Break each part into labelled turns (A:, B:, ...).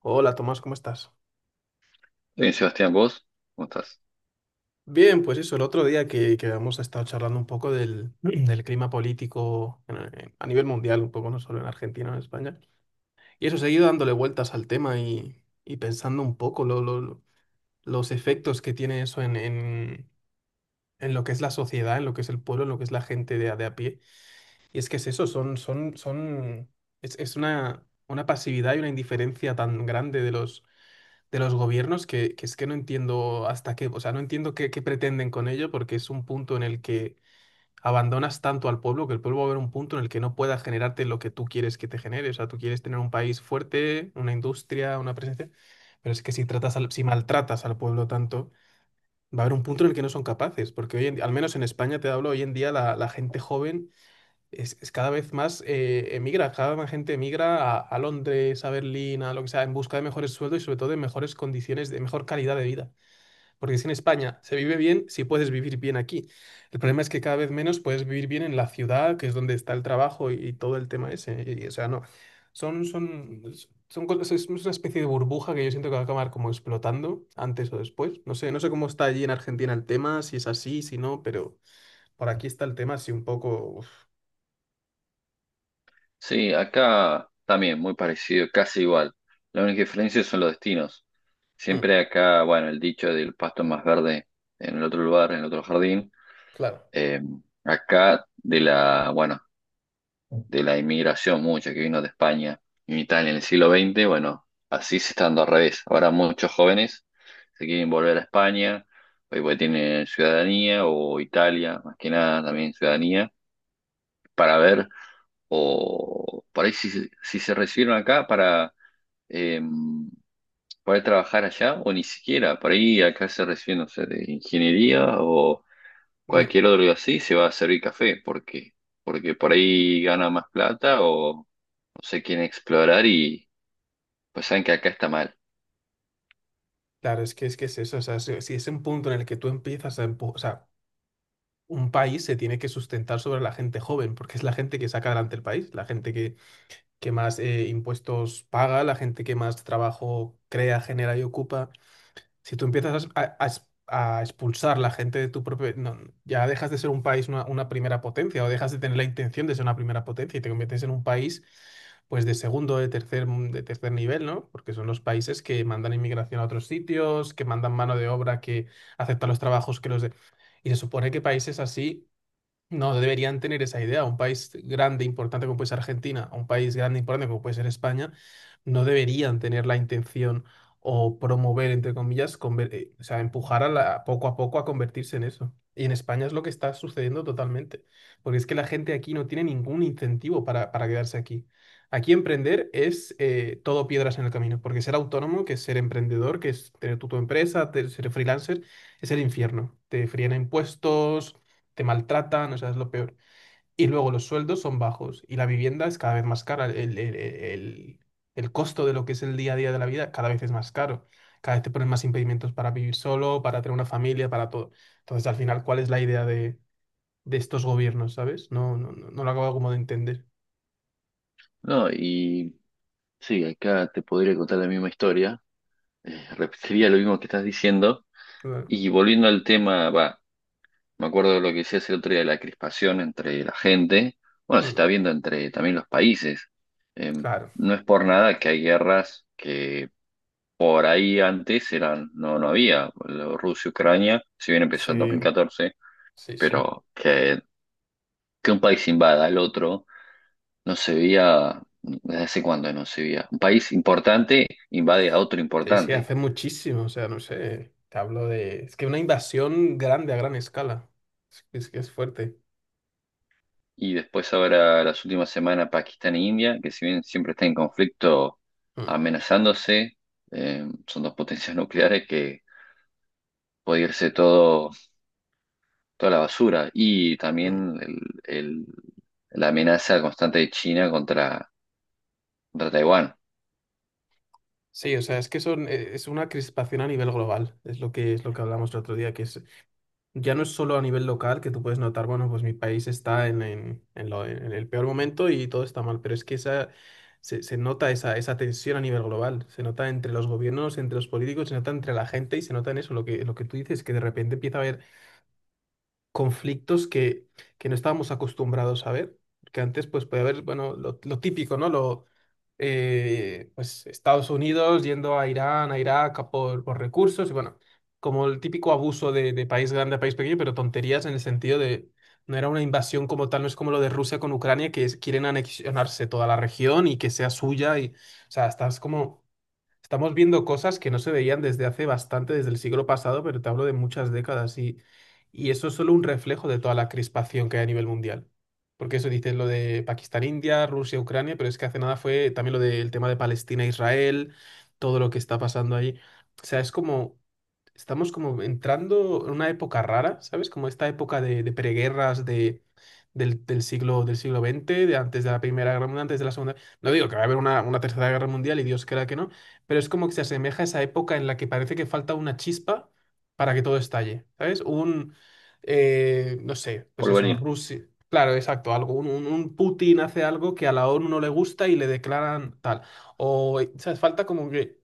A: Hola Tomás, ¿cómo estás?
B: Bien, Sebastián, ¿vos? ¿Cómo estás?
A: Bien, pues eso, el otro día que hemos estado charlando un poco del, del clima político a nivel mundial, un poco no solo en Argentina, en España, y eso, seguido dándole vueltas al tema y pensando un poco los efectos que tiene eso en lo que es la sociedad, en lo que es el pueblo, en lo que es la gente de, de a pie. Y es que es eso, es una pasividad y una indiferencia tan grande de los gobiernos que es que no entiendo hasta qué, o sea, no entiendo qué pretenden con ello, porque es un punto en el que abandonas tanto al pueblo que el pueblo va a haber un punto en el que no pueda generarte lo que tú quieres que te genere. O sea, tú quieres tener un país fuerte, una industria, una presencia, pero es que si si maltratas al pueblo tanto, va a haber un punto en el que no son capaces, porque al menos en España te hablo, hoy en día la gente joven es cada vez más emigra, cada vez más gente emigra a Londres, a Berlín, a lo que sea, en busca de mejores sueldos y sobre todo de mejores condiciones, de mejor calidad de vida. Porque si en España se vive bien, si puedes vivir bien aquí. El problema es que cada vez menos puedes vivir bien en la ciudad, que es donde está el trabajo y todo el tema ese. O sea, no, son, son, son cosas, es una especie de burbuja que yo siento que va a acabar como explotando antes o después. No sé, no sé cómo está allí en Argentina el tema, si es así, si no, pero por aquí está el tema así un poco... uf,
B: Sí, acá también, muy parecido, casi igual. La única diferencia son los destinos.
A: mm,
B: Siempre acá, bueno, el dicho del pasto es más verde en el otro lugar, en el otro jardín.
A: claro.
B: Eh, acá de la, bueno,
A: No,
B: de la inmigración mucha que vino de España y Italia en el siglo XX, bueno, así se está dando al revés. Ahora muchos jóvenes se quieren volver a España, pues porque tienen ciudadanía, o Italia, más que nada también ciudadanía, para ver o por ahí si se recibieron acá para eh, poder trabajar allá, o ni siquiera, por ahí acá se reciben, no sé, de ingeniería o cualquier otro así, se va a servir café, porque por ahí gana más plata o no sé quién explorar y pues saben que acá está mal.
A: claro, es que es eso. O sea, si es un punto en el que tú empiezas a o sea, un país se tiene que sustentar sobre la gente joven, porque es la gente que saca adelante el país, que más impuestos paga, la gente que más trabajo crea, genera y ocupa. Si tú empiezas a expulsar la gente de tu propio... no, ya dejas de ser un país, una primera potencia, o dejas de tener la intención de ser una primera potencia y te conviertes en un país, pues, de segundo, de tercer nivel, ¿no? Porque son los países que mandan inmigración a otros sitios, que mandan mano de obra, que aceptan los trabajos que los de... Y se supone que países así no deberían tener esa idea. Un país grande e importante como puede ser Argentina, un país grande e importante como puede ser España, no deberían tener la intención o promover, entre comillas, o sea, empujar poco a poco a convertirse en eso. Y en España es lo que está sucediendo totalmente, porque es que la gente aquí no tiene ningún incentivo para quedarse aquí. Aquí emprender es todo piedras en el camino, porque ser autónomo, que es ser emprendedor, que es tener tu empresa, ser freelancer, es el infierno. Te fríen a impuestos, te maltratan, o sea, es lo peor. Y luego los sueldos son bajos y la vivienda es cada vez más cara. El costo de lo que es el día a día de la vida cada vez es más caro. Cada vez te ponen más impedimentos para vivir solo, para tener una familia, para todo. Entonces, al final, ¿cuál es la idea de estos gobiernos, ¿sabes? No lo acabo como de entender.
B: No, y sí, acá te podría contar la misma historia, repetiría lo mismo que estás diciendo,
A: Claro.
B: y volviendo al tema, va. Me acuerdo de lo que decías el otro día de la crispación entre la gente. Bueno, se
A: Mm,
B: está viendo entre también los países. Eh,
A: claro.
B: no es por nada que hay guerras que por ahí antes eran, no, no había. Rusia-Ucrania, si bien empezó en dos
A: Sí,
B: mil catorce,
A: sí, sí.
B: pero que un país invada al otro no se veía desde hace cuándo no se veía. Un país importante invade a otro
A: Sí, sí,
B: importante.
A: hace muchísimo, o sea, no sé, te hablo de... Es que una invasión grande a gran escala, es que es fuerte.
B: Y después ahora las últimas semanas Pakistán e India, que si bien siempre están en conflicto
A: Mm,
B: amenazándose, son dos potencias nucleares que puede irse todo, toda la basura. Y
A: mm.
B: también el- la amenaza constante de China contra Taiwán,
A: Sí, o sea, es que son, es una crispación a nivel global, es es lo que hablamos el otro día, que es, ya no es solo a nivel local que tú puedes notar, bueno, pues mi país está en el peor momento y todo está mal, pero es que esa, se nota esa, esa tensión a nivel global, se nota entre los gobiernos, entre los políticos, se nota entre la gente y se nota en eso, lo que tú dices, que de repente empieza a haber conflictos que no estábamos acostumbrados a ver, que antes pues puede haber, bueno, lo típico, ¿no? Lo, pues Estados Unidos yendo a Irán, a Irak a por recursos y bueno, como el típico abuso de país grande a país pequeño, pero tonterías en el sentido de no era una invasión como tal, no es como lo de Rusia con Ucrania, quieren anexionarse toda la región y que sea suya y, o sea, estás como estamos viendo cosas que no se veían desde hace bastante, desde el siglo pasado, pero te hablo de muchas décadas y eso es solo un reflejo de toda la crispación que hay a nivel mundial. Porque eso dices lo de Pakistán, India, Rusia, Ucrania, pero es que hace nada fue también lo del tema de Palestina, Israel, todo lo que está pasando ahí. O sea, es como, estamos como entrando en una época rara, ¿sabes? Como esta época de preguerras, de, del siglo veinte de antes de la Primera Guerra Mundial, antes de la Segunda. No digo que va a haber una Tercera Guerra Mundial y Dios quiera que no, pero es como que se asemeja a esa época en la que parece que falta una chispa para que todo estalle, ¿sabes? Un, no sé, pues
B: por
A: eso,
B: Berlín.
A: Rusia. Claro, exacto, algo. Un Putin hace algo que a la ONU no le gusta y le declaran tal. O, ¿sabes? Falta como que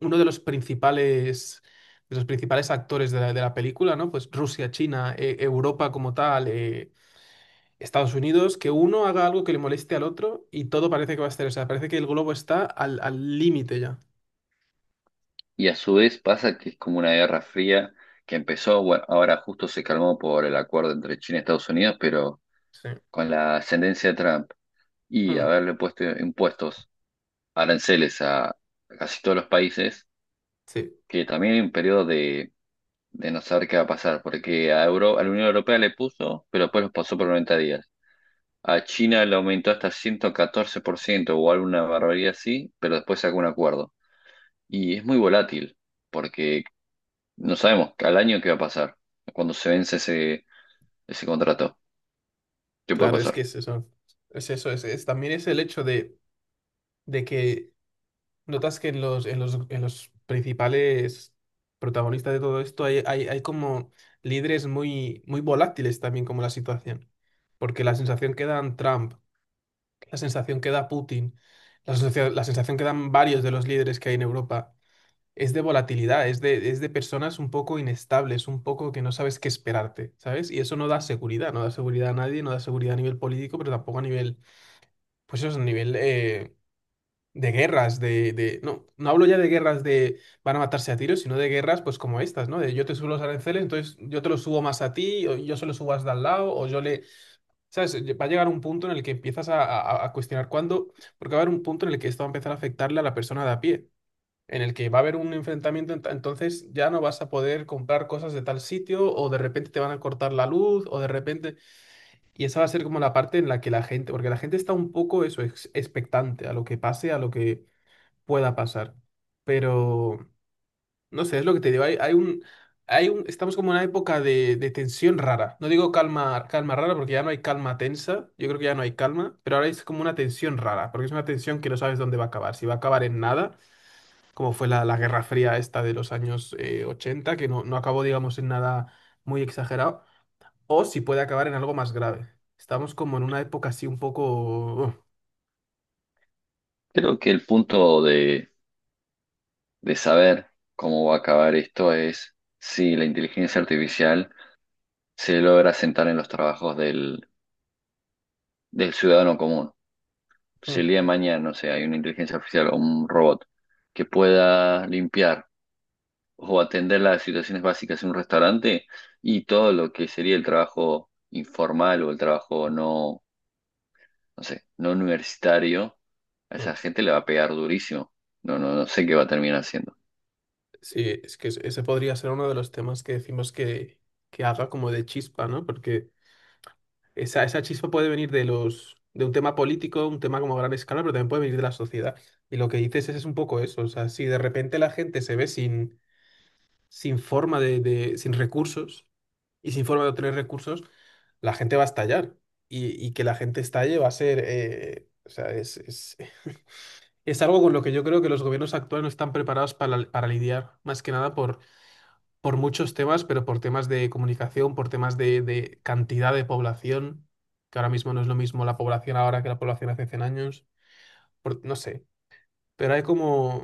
A: uno de los principales actores de la película, ¿no? Pues Rusia, China, Europa como tal, Estados Unidos, que uno haga algo que le moleste al otro y todo parece que va a estar. O sea, parece que el globo está al límite ya.
B: Y a su vez pasa que es como una guerra fría que empezó, bueno, ahora justo se calmó por el acuerdo entre China y Estados Unidos, pero
A: Sí.
B: con la ascendencia de Trump y
A: Mm.
B: haberle puesto impuestos aranceles a casi todos los países,
A: Sí,
B: que también hay un periodo de no saber qué va a pasar, porque a la Unión Europea le puso, pero después los pasó por 90 días. A China le aumentó hasta 114% o alguna barbaridad así, pero después sacó un acuerdo. Y es muy volátil, porque no sabemos al año qué va a pasar, cuando se vence ese contrato, qué puede
A: claro, es que
B: pasar.
A: es eso. Es eso, también es el hecho de que notas que en en los principales protagonistas de todo esto hay como líderes muy, muy volátiles también como la situación. Porque la sensación que dan Trump, la sensación que da Putin, la sensación que dan varios de los líderes que hay en Europa es de volatilidad, es de personas un poco inestables, un poco que no sabes qué esperarte, ¿sabes? Y eso no da seguridad, no da seguridad a nadie, no da seguridad a nivel político, pero tampoco a nivel... Pues eso es a nivel de guerras, no, no hablo ya de guerras de van a matarse a tiros, sino de guerras pues como estas, ¿no? De yo te subo los aranceles, entonces yo te los subo más a ti, o yo se los subo hasta al lado, o yo le... ¿Sabes? Va a llegar un punto en el que empiezas a cuestionar cuándo, porque va a haber un punto en el que esto va a empezar a afectarle a la persona de a pie, en el que va a haber un enfrentamiento, entonces ya no vas a poder comprar cosas de tal sitio, o de repente te van a cortar la luz, o de repente... Y esa va a ser como la parte en la que la gente, porque la gente está un poco eso, expectante a lo que pase, a lo que pueda pasar. Pero, no sé, es lo que te digo, hay, estamos como en una época de tensión rara. No digo calma, calma rara porque ya no hay calma tensa, yo creo que ya no hay calma, pero ahora es como una tensión rara, porque es una tensión que no sabes dónde va a acabar, si va a acabar en nada, como fue la, la Guerra Fría esta de los años 80, que no, no acabó, digamos, en nada muy exagerado, o si puede acabar en algo más grave. Estamos como en una época así un poco...
B: Creo que el punto de saber cómo va a acabar esto es si la inteligencia artificial se logra sentar en los trabajos del ciudadano común.
A: Mm,
B: Si
A: mm,
B: el día de mañana, no sé, hay una inteligencia artificial o un robot que pueda limpiar o atender las situaciones básicas en un restaurante y todo lo que sería el trabajo informal o el trabajo no, no sé, no universitario, a
A: mm.
B: esa gente le va a pegar durísimo. No, no, no sé qué va a terminar haciendo.
A: Sí, es que ese podría ser uno de los temas que decimos que haga como de chispa, ¿no? Porque esa chispa puede venir de los, de un tema político, un tema como a gran escala, pero también puede venir de la sociedad. Y lo que dices es un poco eso. O sea, si de repente la gente se ve sin, sin forma sin recursos y sin forma de obtener recursos, la gente va a estallar. Y que la gente estalle va a ser, o sea, es algo con lo que yo creo que los gobiernos actuales no están preparados para lidiar, más que nada por muchos temas, pero por temas de comunicación, por temas de cantidad de población, que ahora mismo no es lo mismo la población ahora que la población hace 100 años, no sé, pero hay como,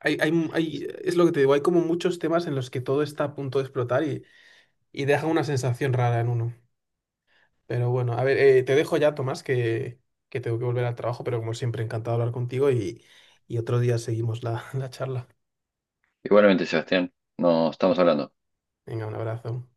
A: es lo que te digo, hay como muchos temas en los que todo está a punto de explotar y deja una sensación rara en uno. Pero bueno, a ver, te dejo ya, Tomás, que tengo que volver al trabajo, pero como siempre, encantado de hablar contigo y otro día seguimos la, la charla.
B: Igualmente, Sebastián, nos estamos hablando.
A: Venga, un abrazo.